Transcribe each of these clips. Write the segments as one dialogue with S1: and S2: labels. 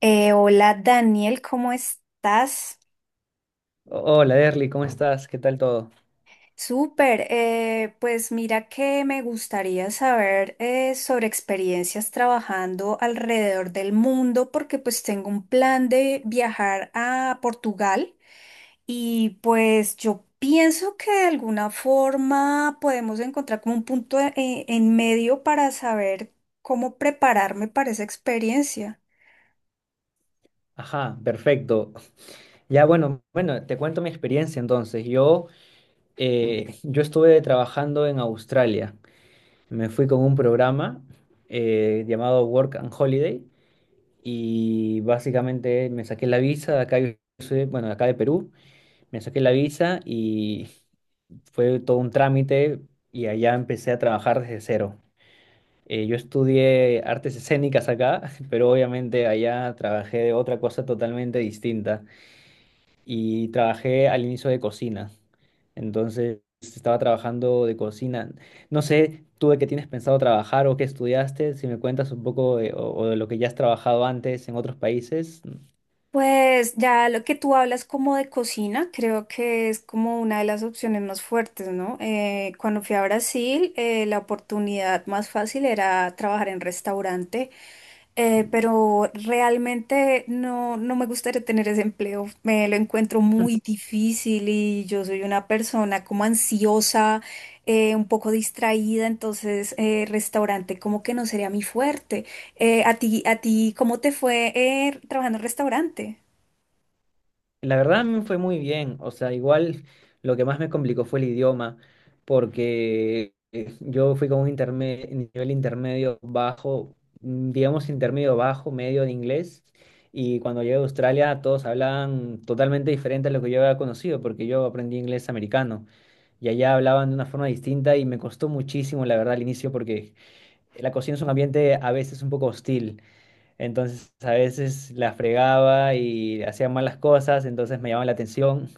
S1: Hola Daniel, ¿cómo estás?
S2: Hola, Derly, ¿cómo estás? ¿Qué tal todo?
S1: Súper, pues mira que me gustaría saber sobre experiencias trabajando alrededor del mundo, porque pues tengo un plan de viajar a Portugal y pues yo pienso que de alguna forma podemos encontrar como un en medio para saber cómo prepararme para esa experiencia.
S2: Ajá, perfecto. Ya, bueno, te cuento mi experiencia entonces. Yo estuve trabajando en Australia. Me fui con un programa llamado Work and Holiday y básicamente me saqué la visa de acá, yo bueno, de acá de Perú. Me saqué la visa y fue todo un trámite y allá empecé a trabajar desde cero. Yo estudié artes escénicas acá, pero obviamente allá trabajé de otra cosa totalmente distinta y trabajé al inicio de cocina. Entonces estaba trabajando de cocina. No sé, tú de qué tienes pensado trabajar o qué estudiaste, si me cuentas un poco o, de lo que ya has trabajado antes en otros países.
S1: Pues ya lo que tú hablas como de cocina, creo que es como una de las opciones más fuertes, ¿no? Cuando fui a Brasil, la oportunidad más fácil era trabajar en restaurante, pero realmente no, no me gustaría tener ese empleo. Me lo encuentro muy difícil y yo soy una persona como ansiosa, un poco distraída, entonces restaurante como que no sería mi fuerte. ¿A ti cómo te fue trabajando en restaurante?
S2: La verdad me fue muy bien, o sea, igual lo que más me complicó fue el idioma, porque yo fui con un nivel intermedio bajo, digamos intermedio bajo, medio de inglés, y cuando llegué a Australia todos hablaban totalmente diferente a lo que yo había conocido, porque yo aprendí inglés americano, y allá hablaban de una forma distinta y me costó muchísimo, la verdad, al inicio, porque la cocina es un ambiente a veces un poco hostil. Entonces a veces la fregaba y hacía malas cosas, entonces me llamaba la atención.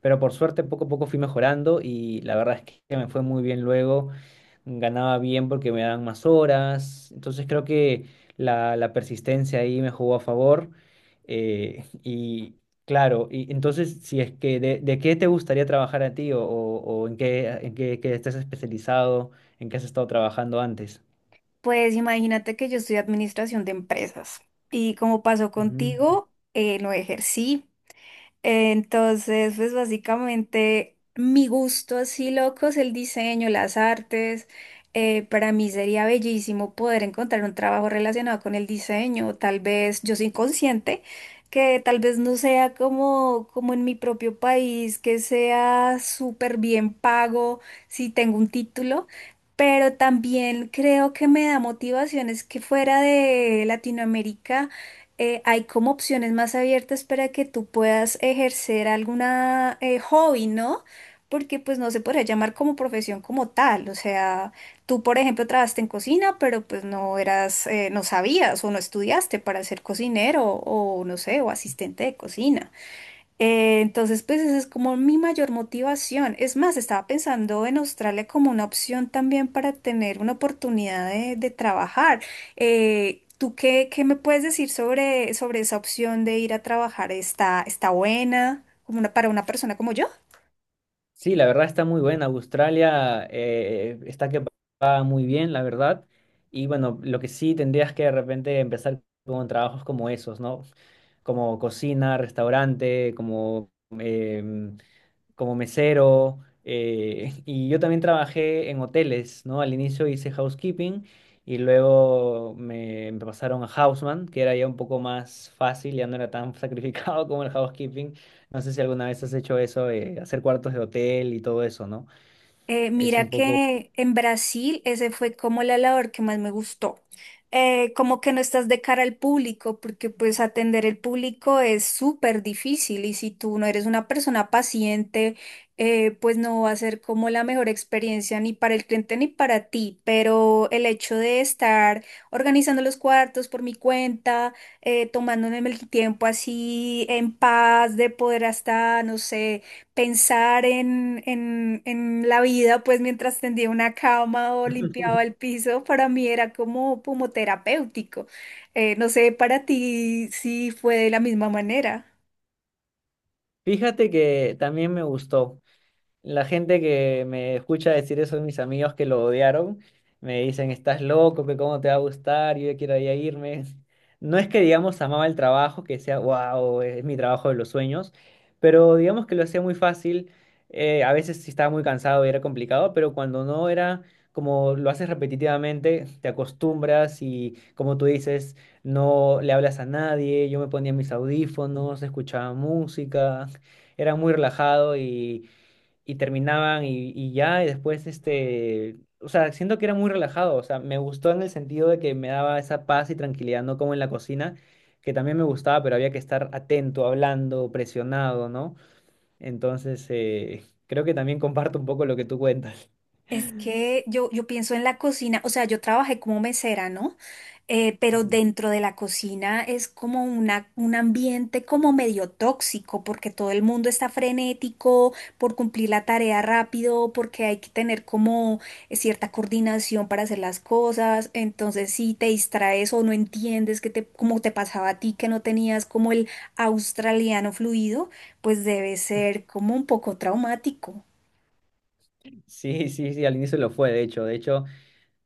S2: Pero por suerte poco a poco fui mejorando y la verdad es que me fue muy bien luego. Ganaba bien porque me daban más horas. Entonces creo que la persistencia ahí me jugó a favor. Eh, y claro, y entonces si es que de qué te gustaría trabajar a ti o en qué, qué estás especializado, en qué has estado trabajando antes.
S1: Pues imagínate que yo estudié administración de empresas y, como pasó
S2: Ujú.
S1: contigo, no ejercí. Entonces, pues básicamente mi gusto así loco es el diseño, las artes. Para mí sería bellísimo poder encontrar un trabajo relacionado con el diseño. Tal vez yo soy consciente que tal vez no sea como, como en mi propio país, que sea súper bien pago si tengo un título. Pero también creo que me da motivaciones que fuera de Latinoamérica hay como opciones más abiertas para que tú puedas ejercer alguna hobby, ¿no? Porque pues no se puede llamar como profesión como tal. O sea, tú, por ejemplo, trabajaste en cocina, pero pues no eras, no sabías o no estudiaste para ser cocinero o no sé, o asistente de cocina. Entonces, pues esa es como mi mayor motivación. Es más, estaba pensando en Australia como una opción también para tener una oportunidad de trabajar. ¿Tú qué me puedes decir sobre, sobre esa opción de ir a trabajar? ¿Está buena como una- para una persona como yo?
S2: Sí, la verdad está muy buena. Australia está que va muy bien, la verdad. Y bueno, lo que sí tendrías que de repente empezar con trabajos como esos, ¿no? Como cocina, restaurante, em, como mesero, y yo también trabajé en hoteles, ¿no? Al inicio hice housekeeping y luego me pasaron a houseman, que era ya un poco más fácil, ya no era tan sacrificado como el housekeeping. No sé si alguna vez has hecho eso, hacer cuartos de hotel y todo eso, ¿no? Es
S1: Mira
S2: un poco...
S1: que en Brasil ese fue como la labor que más me gustó. Como que no estás de cara al público, porque pues atender el público es súper difícil y si tú no eres una persona paciente, pues no va a ser como la mejor experiencia ni para el cliente ni para ti. Pero el hecho de estar organizando los cuartos por mi cuenta, tomándome el tiempo así en paz, de poder hasta, no sé, pensar en la vida, pues mientras tendía una cama o limpiaba el piso, para mí era como, como terapéutico. No sé para ti si fue de la misma manera.
S2: Fíjate que también me gustó. La gente que me escucha decir eso, mis amigos que lo odiaron, me dicen, estás loco, que cómo te va a gustar, yo ya quiero ya irme. No es que, digamos, amaba el trabajo, que sea, wow, es mi trabajo de los sueños, pero digamos que lo hacía muy fácil. A veces sí estaba muy cansado y era complicado, pero cuando no era como lo haces repetitivamente, te acostumbras y, como tú dices, no le hablas a nadie. Yo me ponía mis audífonos, escuchaba música, era muy relajado y terminaban y ya, y después, este, o sea, siento que era muy relajado, o sea, me gustó en el sentido de que me daba esa paz y tranquilidad, no como en la cocina, que también me gustaba, pero había que estar atento, hablando, presionado, ¿no? Entonces, creo que también comparto un poco lo que tú cuentas.
S1: Es que yo pienso en la cocina, o sea, yo trabajé como mesera, ¿no? Pero
S2: Ujú.
S1: dentro de la cocina es como una, un ambiente como medio tóxico, porque todo el mundo está frenético por cumplir la tarea rápido, porque hay que tener como cierta coordinación para hacer las cosas. Entonces, si te distraes o no entiendes que te, como te pasaba a ti, que no tenías como el australiano fluido, pues debe ser como un poco traumático.
S2: Sí, sí, sí, al inicio lo fue, de hecho, de hecho.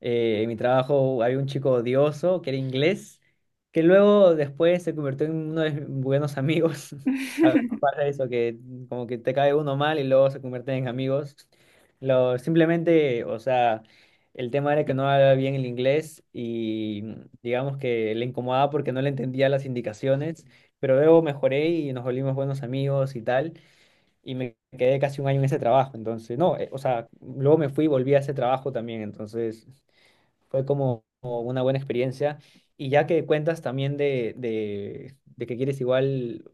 S2: En mi trabajo había un chico odioso que era inglés, que luego después se convirtió en uno de mis buenos amigos. A veces pasa eso, que como que te cae uno mal y luego se convierten en amigos. Lo, simplemente, o sea, el tema era que no hablaba bien el inglés y digamos que le incomodaba porque no le entendía las indicaciones, pero luego mejoré y nos volvimos buenos amigos y tal, y me quedé casi un año en ese trabajo. Entonces, no, o sea, luego me fui y volví a ese trabajo también, entonces... Fue como una buena experiencia. Y ya que cuentas también de que quieres igual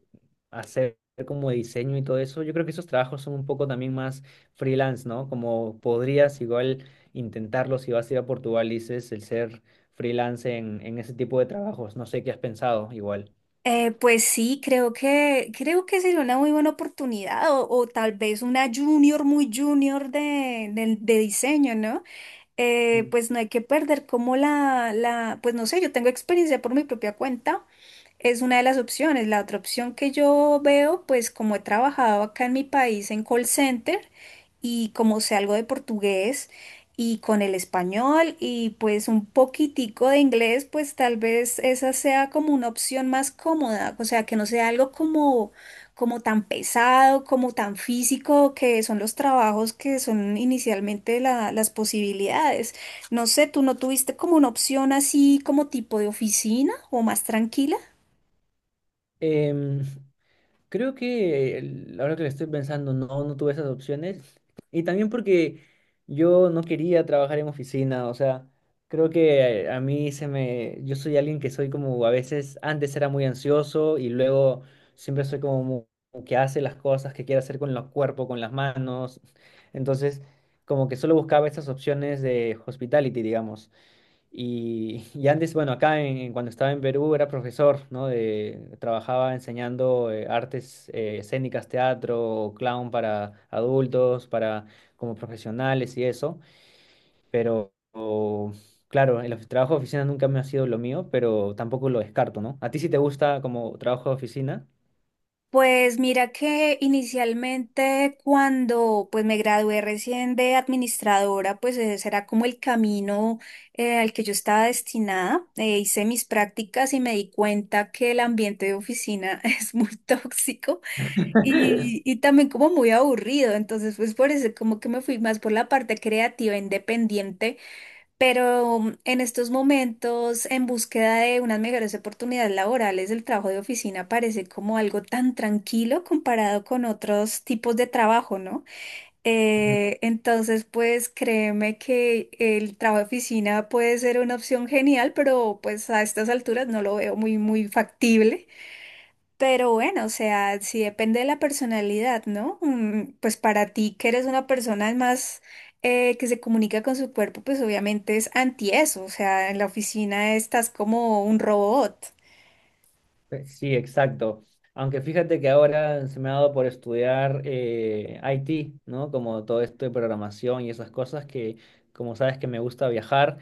S2: hacer como diseño y todo eso, yo creo que esos trabajos son un poco también más freelance, ¿no? Como podrías igual intentarlo si vas a ir a Portugal, dices, el ser freelance en ese tipo de trabajos. No sé qué has pensado igual.
S1: Pues sí, creo que sería una muy buena oportunidad o tal vez una junior muy junior de diseño, ¿no?
S2: Mm.
S1: Pues no hay que perder como pues no sé, yo tengo experiencia por mi propia cuenta, es una de las opciones. La otra opción que yo veo, pues como he trabajado acá en mi país en call center y como sé algo de portugués, y con el español y pues un poquitico de inglés, pues tal vez esa sea como una opción más cómoda, o sea, que no sea algo como, como tan pesado, como tan físico, que son los trabajos que son inicialmente la- las posibilidades. No sé, ¿tú no tuviste como una opción así como tipo de oficina o más tranquila?
S2: Em, Creo que ahora que lo estoy pensando, no tuve esas opciones. Y también porque yo no quería trabajar en oficina, o sea, creo que a mí se me... Yo soy alguien que soy como a veces, antes era muy ansioso y luego siempre soy como que hace las cosas que quiere hacer con los cuerpos, con las manos. Entonces, como que solo buscaba esas opciones de hospitality, digamos. Y, y antes, bueno, acá cuando estaba en Perú era profesor, ¿no? De, trabajaba enseñando artes escénicas, teatro, clown para adultos, para como profesionales y eso. Pero claro, el trabajo de oficina nunca me ha sido lo mío, pero tampoco lo descarto, ¿no? ¿A ti sí te gusta como trabajo de oficina?
S1: Pues mira que inicialmente cuando pues me gradué recién de administradora, pues e, ese era como el camino al que yo estaba destinada. Hice mis prácticas y me di cuenta que el ambiente de oficina es muy tóxico y también como muy aburrido. Entonces pues por eso como que me fui más por la parte creativa, independiente, pero mm, en estos momentos, en búsqueda de unas mejores oportunidades laborales, el trabajo de oficina parece como algo tan tranquilo comparado con otros tipos de trabajo, ¿no? Entonces, pues créeme que el trabajo de oficina puede ser una opción genial, pero pues a estas alturas no lo veo muy, muy factible. Pero bueno, o sea, sí depende de la personalidad, ¿no? Mm, pues para ti, que eres una persona más que se comunica con su cuerpo, pues obviamente es anti eso, o sea, en la oficina estás como un robot.
S2: Sí, exacto. Aunque fíjate que ahora se me ha dado por estudiar IT, ¿no? Como todo esto de programación y esas cosas que, como sabes que me gusta viajar,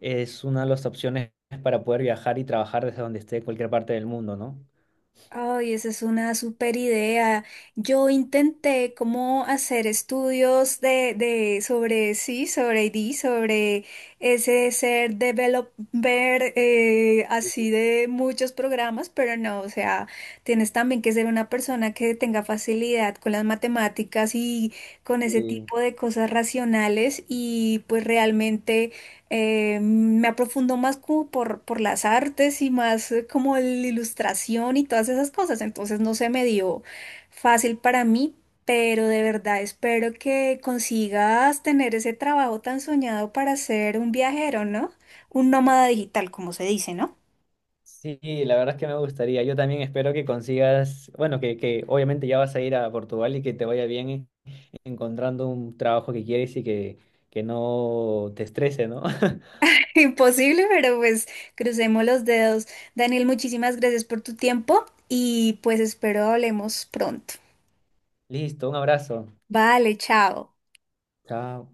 S2: es una de las opciones para poder viajar y trabajar desde donde esté, cualquier parte del mundo, ¿no?
S1: Ay, esa es una super idea. Yo intenté como hacer estudios de sobre sí, sobre ID, sobre ese ser developer, así de muchos programas, pero no, o sea, tienes también que ser una persona que tenga facilidad con las matemáticas y con ese
S2: Y
S1: tipo de cosas racionales y pues realmente me aprofundo más como por las artes y más como la ilustración y todas esas cosas. Entonces no se me dio fácil para mí, pero de verdad espero que consigas tener ese trabajo tan soñado para ser un viajero, ¿no? Un nómada digital, como se dice, ¿no?
S2: Sí, la verdad es que me gustaría. Yo también espero que consigas, bueno, que obviamente ya vas a ir a Portugal y que te vaya bien encontrando un trabajo que quieres y que no te estrese, ¿no?
S1: Imposible, pero pues crucemos los dedos. Daniel, muchísimas gracias por tu tiempo y pues espero hablemos pronto.
S2: Listo, un abrazo.
S1: Vale, chao.
S2: Chao.